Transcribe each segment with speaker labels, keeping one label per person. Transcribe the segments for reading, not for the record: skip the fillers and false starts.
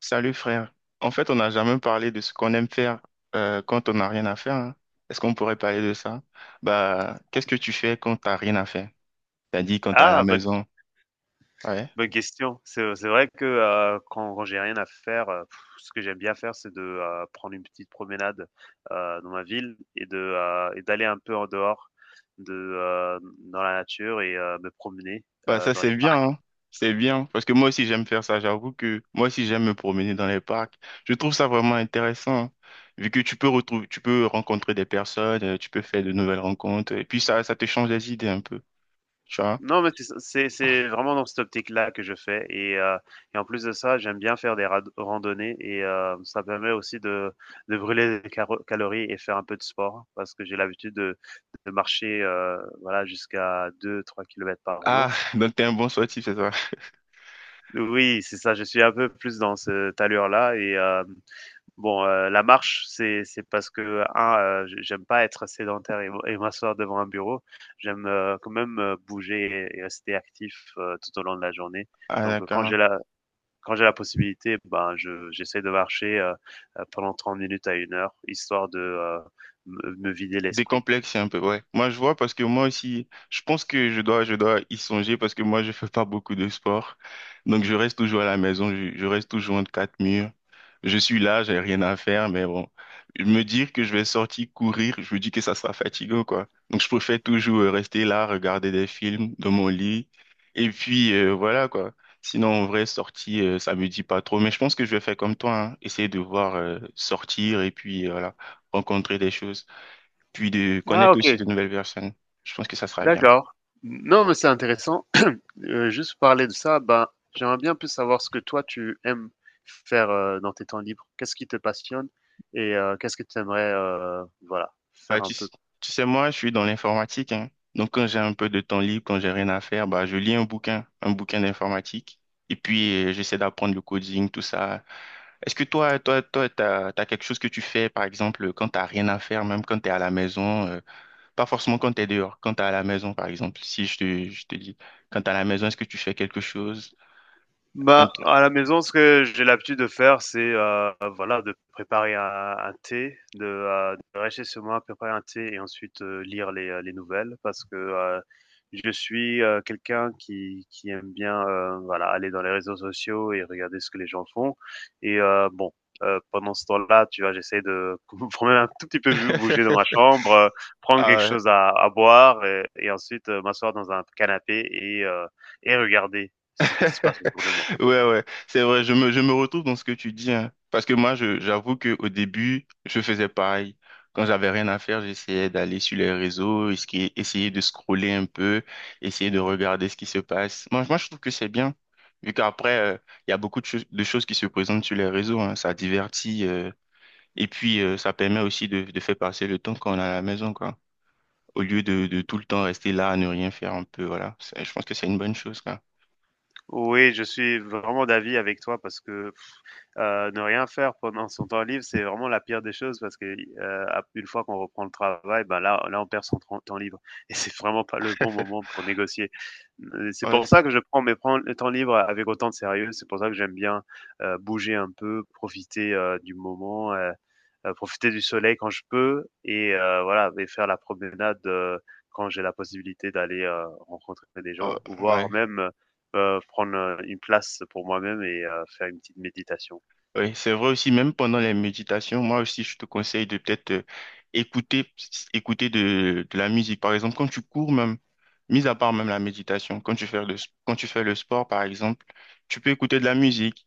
Speaker 1: Salut frère. En fait, on n'a jamais parlé de ce qu'on aime faire quand on n'a rien à faire, hein. Est-ce qu'on pourrait parler de ça? Bah, qu'est-ce que tu fais quand t'as rien à faire? T'as dit quand t'es à la
Speaker 2: Ah, bonne
Speaker 1: maison. Ouais.
Speaker 2: bonne question. C'est vrai que, quand j'ai rien à faire, ce que j'aime bien faire, c'est de, prendre une petite promenade, dans ma ville et d'aller un peu en dehors de, heu, dans la nature et me promener,
Speaker 1: Bah, ça
Speaker 2: dans les
Speaker 1: c'est bien,
Speaker 2: parcs.
Speaker 1: hein. C'est bien parce que moi aussi j'aime faire ça. J'avoue que moi aussi j'aime me promener dans les parcs. Je trouve ça vraiment intéressant, hein, vu que tu peux retrouver, tu peux rencontrer des personnes, tu peux faire de nouvelles rencontres et puis ça te change les idées un peu. Tu vois?
Speaker 2: Non, mais c'est vraiment dans cette optique-là que je fais et en plus de ça, j'aime bien faire des rad randonnées et ça permet aussi de brûler des caro calories et faire un peu de sport parce que j'ai l'habitude de marcher, voilà, jusqu'à 2 3 km par
Speaker 1: Ah,
Speaker 2: jour.
Speaker 1: donc t'es un bon sportif, c'est ça.
Speaker 2: Oui, c'est ça, je suis un peu plus dans cette allure-là et hem bon, la marche, c'est parce que, j'aime pas être sédentaire et m'asseoir devant un bureau. J'aime, quand même, bouger et rester actif, tout au long de la journée.
Speaker 1: Ah,
Speaker 2: Donc,
Speaker 1: d'accord.
Speaker 2: quand j'ai la possibilité, ben, je j'essaie de marcher, pendant 30 minutes à 1 heure, histoire de, me vider l'esprit.
Speaker 1: Décomplexé un peu, ouais. Moi, je vois parce que moi aussi, je pense que je dois y songer parce que moi, je fais pas beaucoup de sport. Donc, je reste toujours à la maison, je reste toujours entre quatre murs. Je suis là, j'ai rien à faire, mais bon, me dire que je vais sortir courir, je me dis que ça sera fatigant, quoi. Donc, je préfère toujours rester là, regarder des films dans mon lit. Et puis, voilà, quoi. Sinon, en vrai, sortir, ça me dit pas trop. Mais je pense que je vais faire comme toi, hein. Essayer de voir, sortir et puis, voilà, rencontrer des choses puis de
Speaker 2: Ah,
Speaker 1: connaître
Speaker 2: OK,
Speaker 1: aussi de nouvelles personnes. Je pense que ça sera bien.
Speaker 2: d'accord. Non, mais c'est intéressant. Juste parler de ça, ben, j'aimerais bien plus savoir ce que toi tu aimes faire, dans tes temps libres. Qu'est-ce qui te passionne et qu'est-ce que tu aimerais, voilà,
Speaker 1: Bah,
Speaker 2: faire un
Speaker 1: tu,
Speaker 2: peu?
Speaker 1: s- tu sais, moi, je suis dans l'informatique, hein. Donc, quand j'ai un peu de temps libre, quand j'ai rien à faire, bah, je lis un bouquin d'informatique. Et puis, j'essaie d'apprendre le coding, tout ça. Est-ce que toi, t'as quelque chose que tu fais, par exemple, quand t'as rien à faire, même quand t'es à la maison, pas forcément quand t'es dehors, quand t'es à la maison, par exemple, si je te dis, quand t'es à la maison, est-ce que tu fais quelque chose? Un
Speaker 2: Bah,
Speaker 1: truc.
Speaker 2: à la maison, ce que j'ai l'habitude de faire, c'est, voilà, de préparer un thé, de rester chez moi, préparer un thé et ensuite, lire les nouvelles parce que, je suis, quelqu'un qui aime bien, voilà, aller dans les réseaux sociaux et regarder ce que les gens font et, bon, pendant ce temps-là, tu vois, j'essaie de quand même un tout petit peu bu bouger dans ma chambre, prendre quelque chose à boire et ensuite, m'asseoir dans un canapé et regarder ce qui se passe autour de moi.
Speaker 1: Ouais, ouais, c'est vrai, je me retrouve dans ce que tu dis, hein. Parce que moi, j'avoue qu'au début, je faisais pareil. Quand j'avais rien à faire, j'essayais d'aller sur les réseaux, essayer de scroller un peu, essayer de regarder ce qui se passe. Moi, je trouve que c'est bien, vu qu'après, il y a beaucoup de choses qui se présentent sur les réseaux, hein. Ça divertit, et puis ça permet aussi de faire passer le temps quand on est à la maison, quoi. Au lieu de tout le temps rester là à ne rien faire un peu, voilà. Je pense que c'est une bonne chose, quoi.
Speaker 2: Oui, je suis vraiment d'avis avec toi parce que, ne rien faire pendant son temps libre, c'est vraiment la pire des choses parce que, une fois qu'on reprend le travail, ben là, on perd son temps libre. Et c'est vraiment pas le bon moment pour négocier. C'est
Speaker 1: Ouais.
Speaker 2: pour ça que je prends temps libres avec autant de sérieux. C'est pour ça que j'aime bien, bouger un peu, profiter, du moment, profiter du soleil quand je peux et, voilà, et faire la promenade, quand j'ai la possibilité d'aller, rencontrer des
Speaker 1: Euh,
Speaker 2: gens ou
Speaker 1: ouais,
Speaker 2: voir même, prendre, une place pour moi-même et, faire une petite méditation.
Speaker 1: ouais, c'est vrai aussi, même pendant les méditations, moi aussi, je te conseille de peut-être écouter, écouter, de la musique. Par exemple, quand tu cours même, mis à part même la méditation, quand tu fais le sport, par exemple, tu peux écouter de la musique.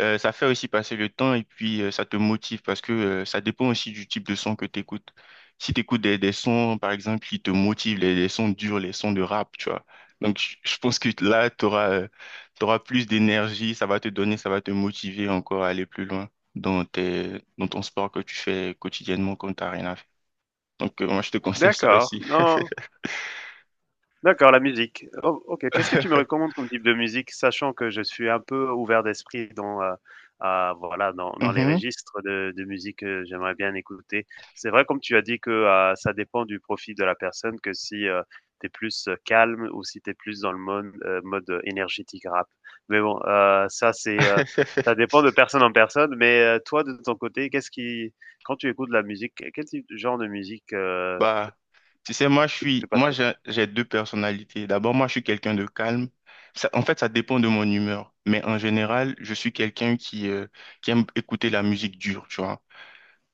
Speaker 1: Ça fait aussi passer le temps et puis ça te motive parce que ça dépend aussi du type de son que tu écoutes. Si tu écoutes des sons, par exemple, qui te motivent, les sons durs, les sons de rap, tu vois. Donc, je pense que là, tu auras plus d'énergie, ça va te donner, ça va te motiver encore à aller plus loin dans ton sport que tu fais quotidiennement quand tu n'as rien à faire. Donc, moi, je te conseille ça
Speaker 2: D'accord,
Speaker 1: aussi.
Speaker 2: non, d'accord, la musique. O OK, qu'est-ce que tu me recommandes comme type de musique? Sachant que je suis un peu ouvert d'esprit dans, à voilà, dans les
Speaker 1: Mhm.
Speaker 2: registres de musique que j'aimerais bien écouter. C'est vrai, comme tu as dit que, ça dépend du profil de la personne, que si, tu es plus, calme ou si tu es plus dans le mode énergétique rap. Mais bon, ça dépend de personne en personne. Mais, toi, de ton côté, qu'est-ce qui quand tu écoutes de la musique, quel type genre de musique,
Speaker 1: Bah, tu sais, moi,
Speaker 2: te passionne?
Speaker 1: j'ai deux personnalités. D'abord, moi, je suis quelqu'un de calme. Ça, en fait, ça dépend de mon humeur. Mais en général, je suis quelqu'un qui aime écouter la musique dure, tu vois.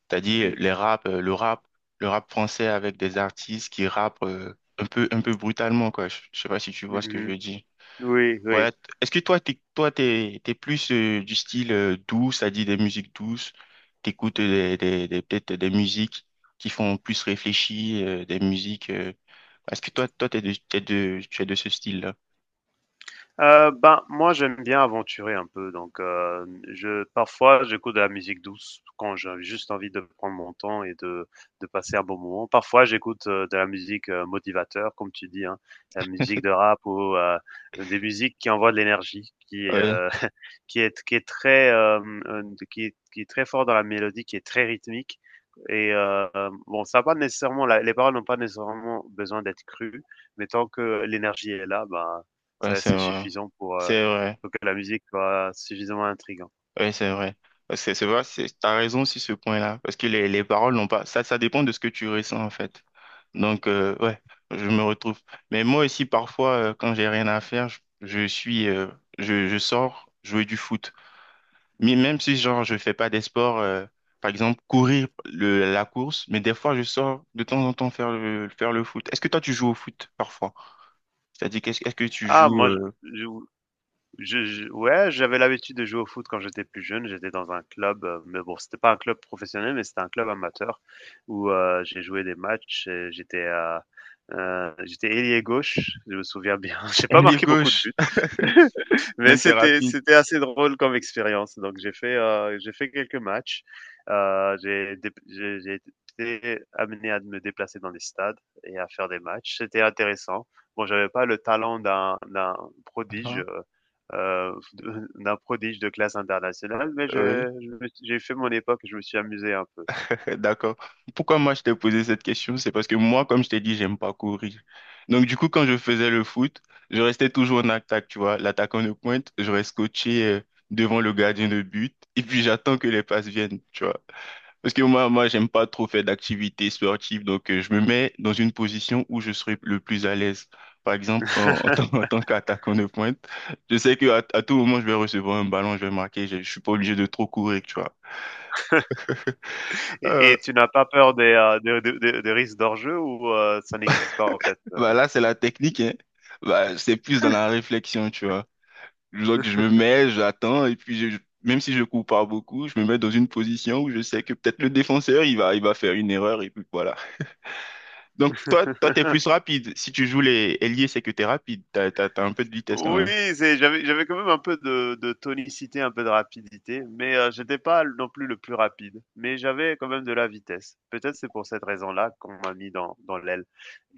Speaker 1: C'est-à-dire les rap, le rap, le rap français avec des artistes qui rappent un peu brutalement, quoi. Je sais pas si tu vois ce que je
Speaker 2: Mmh.
Speaker 1: veux dire.
Speaker 2: Oui, oui.
Speaker 1: Ouais, est-ce que toi, t'es plus du style doux, c'est-à-dire des musiques douces, t'écoutes peut-être des musiques qui font plus réfléchir, des musiques, est-ce que toi, tu es de ce style-là?
Speaker 2: Ben, moi, j'aime bien aventurer un peu, donc, je parfois, j'écoute de la musique douce quand j'ai juste envie de prendre mon temps et de passer un bon moment. Parfois, j'écoute, de la musique, motivateur, comme tu dis, hein, la musique de rap ou, des musiques qui envoient de l'énergie, qui,
Speaker 1: Ouais,
Speaker 2: qui est très, qui est très fort dans la mélodie, qui est très rythmique et, bon, ça a pas nécessairement la les paroles n'ont pas nécessairement besoin d'être crues, mais tant que l'énergie est là, ben
Speaker 1: ouais,
Speaker 2: ça,
Speaker 1: c'est
Speaker 2: c'est
Speaker 1: vrai.
Speaker 2: suffisant
Speaker 1: C'est vrai.
Speaker 2: pour que la musique soit suffisamment intrigante.
Speaker 1: Oui, c'est vrai. C'est vrai, t'as raison sur ce point-là, parce que les paroles n'ont pas. Ça dépend de ce que tu ressens, en fait. Donc, ouais, je me retrouve. Mais moi aussi, parfois, quand j'ai rien à faire, je sors jouer du foot. Mais même si, genre, je fais pas des sports, par exemple, courir la course, mais des fois, je sors de temps en temps faire le foot. Est-ce que toi, tu joues au foot, parfois? C'est-à-dire, est-ce que tu
Speaker 2: Ah
Speaker 1: joues.
Speaker 2: moi, je je ouais, j'avais l'habitude de jouer au foot quand j'étais plus jeune. J'étais dans un club, mais bon, c'était pas un club professionnel, mais c'était un club amateur où, j'ai joué des matchs et j'étais ailier gauche, je me souviens bien. J'ai pas
Speaker 1: Ailier
Speaker 2: marqué beaucoup de
Speaker 1: gauche,
Speaker 2: buts, mais
Speaker 1: donc t'es
Speaker 2: c'était
Speaker 1: rapide.
Speaker 2: c'était assez drôle comme expérience. Donc j'ai fait quelques matchs. J'ai dép j'ai été amené à me déplacer dans des stades et à faire des matchs. C'était intéressant. Bon, j'avais pas le talent d'un
Speaker 1: Ah,
Speaker 2: prodige,
Speaker 1: ah.
Speaker 2: euh, d'un prodige de classe internationale, mais,
Speaker 1: Oui.
Speaker 2: j'ai fait mon époque, et je me suis amusé un peu.
Speaker 1: Ok, d'accord. Pourquoi moi je t'ai posé cette question? C'est parce que moi, comme je t'ai dit, j'aime pas courir. Donc du coup, quand je faisais le foot, je restais toujours en attaque, tu vois. L'attaquant de pointe, je reste coaché devant le gardien de but et puis j'attends que les passes viennent, tu vois. Parce que moi, j'aime pas trop faire d'activités sportives, donc je me mets dans une position où je serai le plus à l'aise. Par exemple, en tant, en tant qu'attaquant de pointe, je sais que à tout moment, je vais recevoir un ballon, je vais marquer, je suis pas obligé de trop courir, tu vois.
Speaker 2: Et,
Speaker 1: Euh,
Speaker 2: et tu n'as pas peur des, de risques d'enjeu ou, ça n'existe pas en fait?
Speaker 1: Bah là, c'est la technique, hein. Bah, c'est plus dans la réflexion, tu vois. Donc, je me mets, j'attends, et puis même si je cours pas beaucoup, je me mets dans une position où je sais que peut-être le défenseur, il va faire une erreur, et puis voilà. Donc, toi, t'es plus rapide. Si tu joues les ailiers, c'est que t'es rapide. T'as un peu de vitesse quand
Speaker 2: Oui,
Speaker 1: même.
Speaker 2: c'est j'avais quand même un peu de tonicité, un peu de rapidité, mais, j'étais pas non plus le plus rapide, mais j'avais quand même de la vitesse. Peut-être c'est pour cette raison-là qu'on m'a mis dans l'aile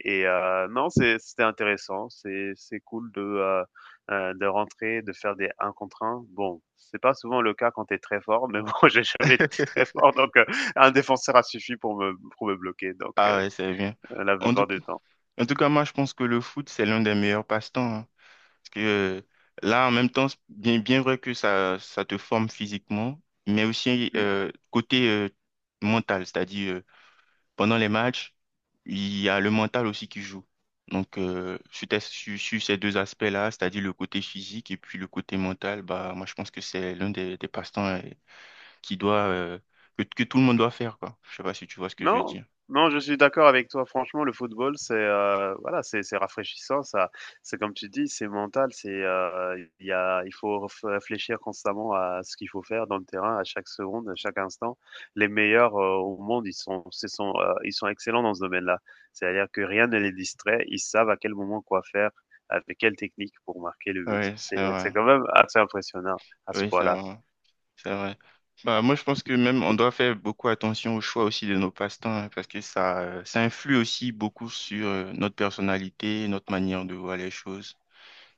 Speaker 2: et, non, c'était intéressant, c'est cool de rentrer, de faire des un contre un. Bon, c'est pas souvent le cas quand t'es très fort, mais bon, j'ai jamais été très fort, donc, un défenseur a suffi pour me bloquer, donc,
Speaker 1: Ah, ouais, c'est bien.
Speaker 2: la
Speaker 1: En tout,
Speaker 2: plupart du temps.
Speaker 1: en tout cas, moi, je pense que le foot, c'est l'un des meilleurs passe-temps, hein. Parce que là, en même temps, c'est bien, bien vrai que ça te forme physiquement, mais aussi
Speaker 2: Mmh.
Speaker 1: côté mental, c'est-à-dire pendant les matchs, il y a le mental aussi qui joue. Donc, sur ces deux aspects-là, c'est-à-dire le côté physique et puis le côté mental, bah, moi, je pense que c'est l'un des passe-temps qui doit, euh, que tout le monde doit faire, quoi. Je sais pas si tu vois ce que je veux
Speaker 2: Non,
Speaker 1: dire.
Speaker 2: non, je suis d'accord avec toi. Franchement, le football, c'est, voilà, c'est rafraîchissant, ça, c'est comme tu dis, c'est mental, c'est, il y a il faut ref réfléchir constamment à ce qu'il faut faire dans le terrain, à chaque seconde, à chaque instant. Les meilleurs, au monde, ils sont ce sont, ils sont excellents dans ce domaine-là. C'est-à-dire que rien ne les distrait, ils savent à quel moment quoi faire, avec quelle technique pour marquer le but.
Speaker 1: Oui, c'est
Speaker 2: C'est
Speaker 1: vrai.
Speaker 2: quand même assez impressionnant à ce
Speaker 1: Oui,
Speaker 2: point-là.
Speaker 1: ça. C'est vrai. Bah, moi, je pense que même on doit faire beaucoup attention au choix aussi de nos passe-temps, hein, parce que ça influe aussi beaucoup sur notre personnalité, notre manière de voir les choses.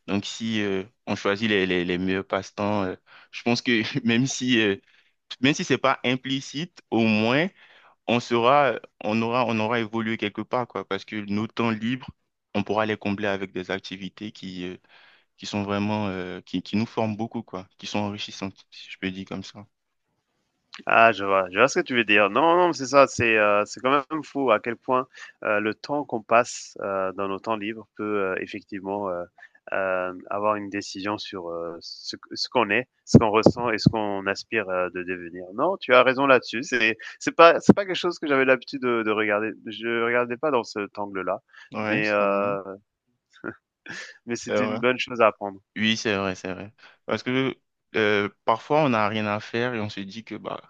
Speaker 1: Donc, si on choisit les meilleurs passe-temps, je pense que même si c'est pas implicite, au moins on sera, on aura évolué quelque part, quoi, parce que nos temps libres, on pourra les combler avec des activités qui sont vraiment, qui nous forment beaucoup, quoi, qui sont enrichissantes, si je peux dire comme ça.
Speaker 2: Ah, je vois ce que tu veux dire. Non, non, c'est ça, c'est quand même fou à quel point, le temps qu'on passe, dans nos temps libres peut, effectivement, avoir une décision sur, ce qu'on est, ce qu'on ressent et ce qu'on aspire, de devenir. Non, tu as raison là-dessus, c'est pas quelque chose que j'avais l'habitude de regarder. Je regardais pas dans cet angle-là,
Speaker 1: Ouais,
Speaker 2: mais
Speaker 1: c'est vrai.
Speaker 2: heu, mais
Speaker 1: C'est
Speaker 2: c'était
Speaker 1: vrai.
Speaker 2: une bonne chose à apprendre.
Speaker 1: Oui, c'est vrai, c'est vrai. Parce que parfois, on n'a rien à faire et on se dit que bah,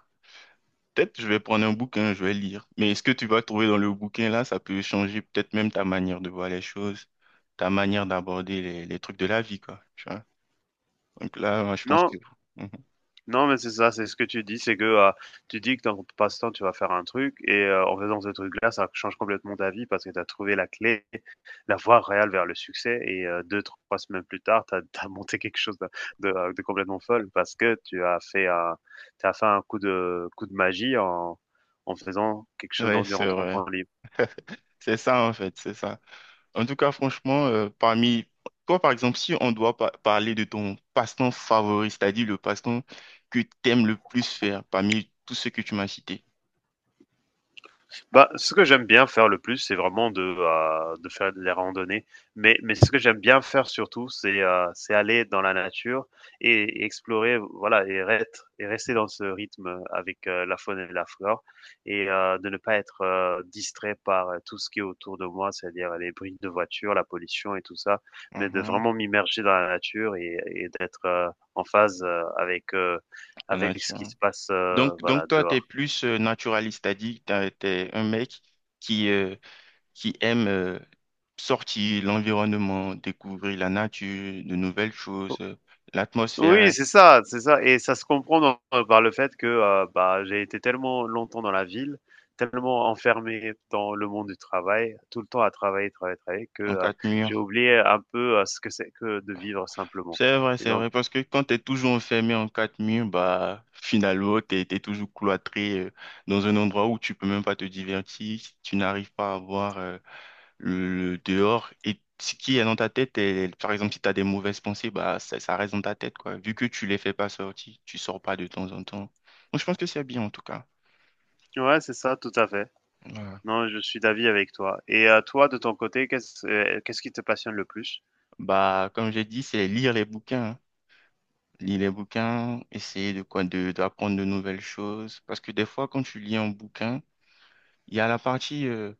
Speaker 1: peut-être je vais prendre un bouquin, je vais lire. Mais ce que tu vas trouver dans le bouquin là, ça peut changer peut-être même ta manière de voir les choses, ta manière d'aborder les trucs de la vie, quoi. Tu vois? Donc là, moi, je pense
Speaker 2: Non
Speaker 1: que. Mhm.
Speaker 2: Non, mais c'est ça, c'est ce que tu dis, c'est que, tu dis que dans ton passe-temps, tu vas faire un truc, et, en faisant ce truc-là, ça change complètement ta vie parce que tu as trouvé la clé, la voie réelle vers le succès, et, 2, 3 semaines plus tard, tu as, monté quelque chose de complètement folle parce que tu as fait un coup coup de magie en faisant quelque chose
Speaker 1: Ouais, c'est
Speaker 2: durant ton
Speaker 1: vrai.
Speaker 2: temps libre.
Speaker 1: C'est ça, en fait, c'est ça. En tout cas, franchement, parmi toi, par exemple, si on doit parler de ton passe-temps favori, c'est-à-dire le passe-temps que tu aimes le plus faire parmi tous ceux que tu m'as cités.
Speaker 2: Bah, ce que j'aime bien faire le plus, c'est vraiment de faire les randonnées, mais ce que j'aime bien faire surtout, c'est aller dans la nature et explorer, voilà et rester dans ce rythme avec, la faune et la flore et, de ne pas être, distrait par, tout ce qui est autour de moi, c'est-à-dire les bruits de voiture, la pollution et tout ça, mais de
Speaker 1: Mhm.
Speaker 2: vraiment m'immerger dans la nature et d'être, en phase,
Speaker 1: La
Speaker 2: avec ce qui
Speaker 1: nature.
Speaker 2: se passe,
Speaker 1: Donc,
Speaker 2: voilà
Speaker 1: donc toi, tu es
Speaker 2: dehors.
Speaker 1: plus naturaliste, c'est-à-dire que tu es un mec qui, euh, qui aime sortir l'environnement, découvrir la nature, de nouvelles choses,
Speaker 2: Oui,
Speaker 1: l'atmosphère
Speaker 2: c'est ça et ça se comprend dans par le fait que, bah, j'ai été tellement longtemps dans la ville, tellement enfermé dans le monde du travail, tout le temps à travailler, travailler, travailler que,
Speaker 1: en quatre
Speaker 2: j'ai
Speaker 1: murs.
Speaker 2: oublié un peu, ce que c'est que de vivre simplement. Et
Speaker 1: C'est
Speaker 2: donc
Speaker 1: vrai, parce que quand tu es toujours enfermé en quatre murs, bah, finalement, tu es toujours cloîtré dans un endroit où tu peux même pas te divertir, si tu n'arrives pas à voir le dehors et ce qui est dans ta tête, et, par exemple, si tu as des mauvaises pensées, bah, ça reste dans ta tête, quoi. Vu que tu les fais pas sortir, tu sors pas de temps en temps. Moi, je pense que c'est bien, en tout cas.
Speaker 2: ouais, c'est ça, tout à fait.
Speaker 1: Voilà.
Speaker 2: Non, je suis d'avis avec toi et à toi, de ton côté, qu'est-ce qui te passionne le plus?
Speaker 1: Bah, comme j'ai dit, c'est lire les bouquins, hein. Lire les bouquins, essayer de quoi, d'apprendre de nouvelles choses. Parce que des fois, quand tu lis un bouquin, il y a la partie, euh,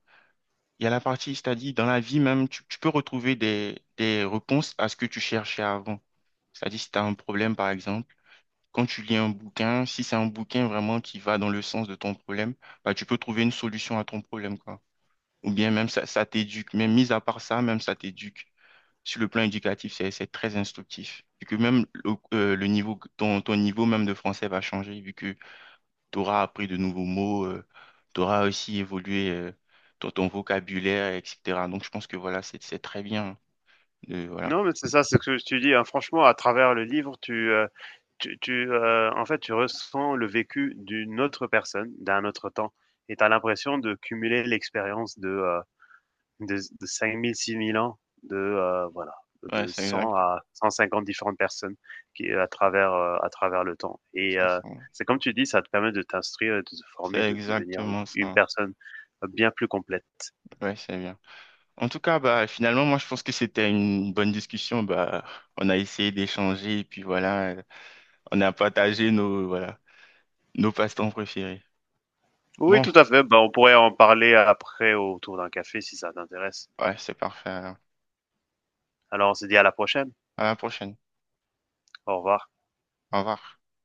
Speaker 1: il y a la partie, c'est-à-dire, dans la vie même, tu peux retrouver des réponses à ce que tu cherchais avant. C'est-à-dire, si tu as un problème, par exemple. Quand tu lis un bouquin, si c'est un bouquin vraiment qui va dans le sens de ton problème, bah, tu peux trouver une solution à ton problème, quoi. Ou bien même ça, ça t'éduque. Même mis à part ça, même ça t'éduque. Sur le plan éducatif, c'est très instructif. Vu que même le niveau, ton niveau même de français va changer, vu que tu auras appris de nouveaux mots, tu auras aussi évolué ton vocabulaire, etc. Donc je pense que voilà, c'est très bien. Voilà.
Speaker 2: Non, mais c'est ça, c'est ce que tu dis, hein, franchement, à travers le livre, en fait, tu ressens le vécu d'une autre personne, d'un autre temps et tu as l'impression de cumuler l'expérience de 5 000, 6 000 ans, voilà,
Speaker 1: Ouais,
Speaker 2: de
Speaker 1: c'est
Speaker 2: 100
Speaker 1: exact.
Speaker 2: à 150 différentes personnes qui à travers le temps et,
Speaker 1: Ça, c'est
Speaker 2: c'est comme tu dis, ça te permet de t'instruire, de te
Speaker 1: c'est
Speaker 2: former, de devenir une
Speaker 1: exactement
Speaker 2: une
Speaker 1: ça.
Speaker 2: personne, bien plus complète.
Speaker 1: Ouais, c'est bien. En tout cas, bah, finalement, moi, je pense que c'était une bonne discussion. Bah, on a essayé d'échanger et puis voilà, on a partagé nos, voilà, nos passe-temps préférés.
Speaker 2: Oui,
Speaker 1: Bon,
Speaker 2: tout à fait, ben on pourrait en parler après autour d'un café si ça t'intéresse.
Speaker 1: ouais, c'est parfait, alors.
Speaker 2: Alors on se dit à la prochaine.
Speaker 1: À la prochaine.
Speaker 2: Au revoir.
Speaker 1: Au revoir.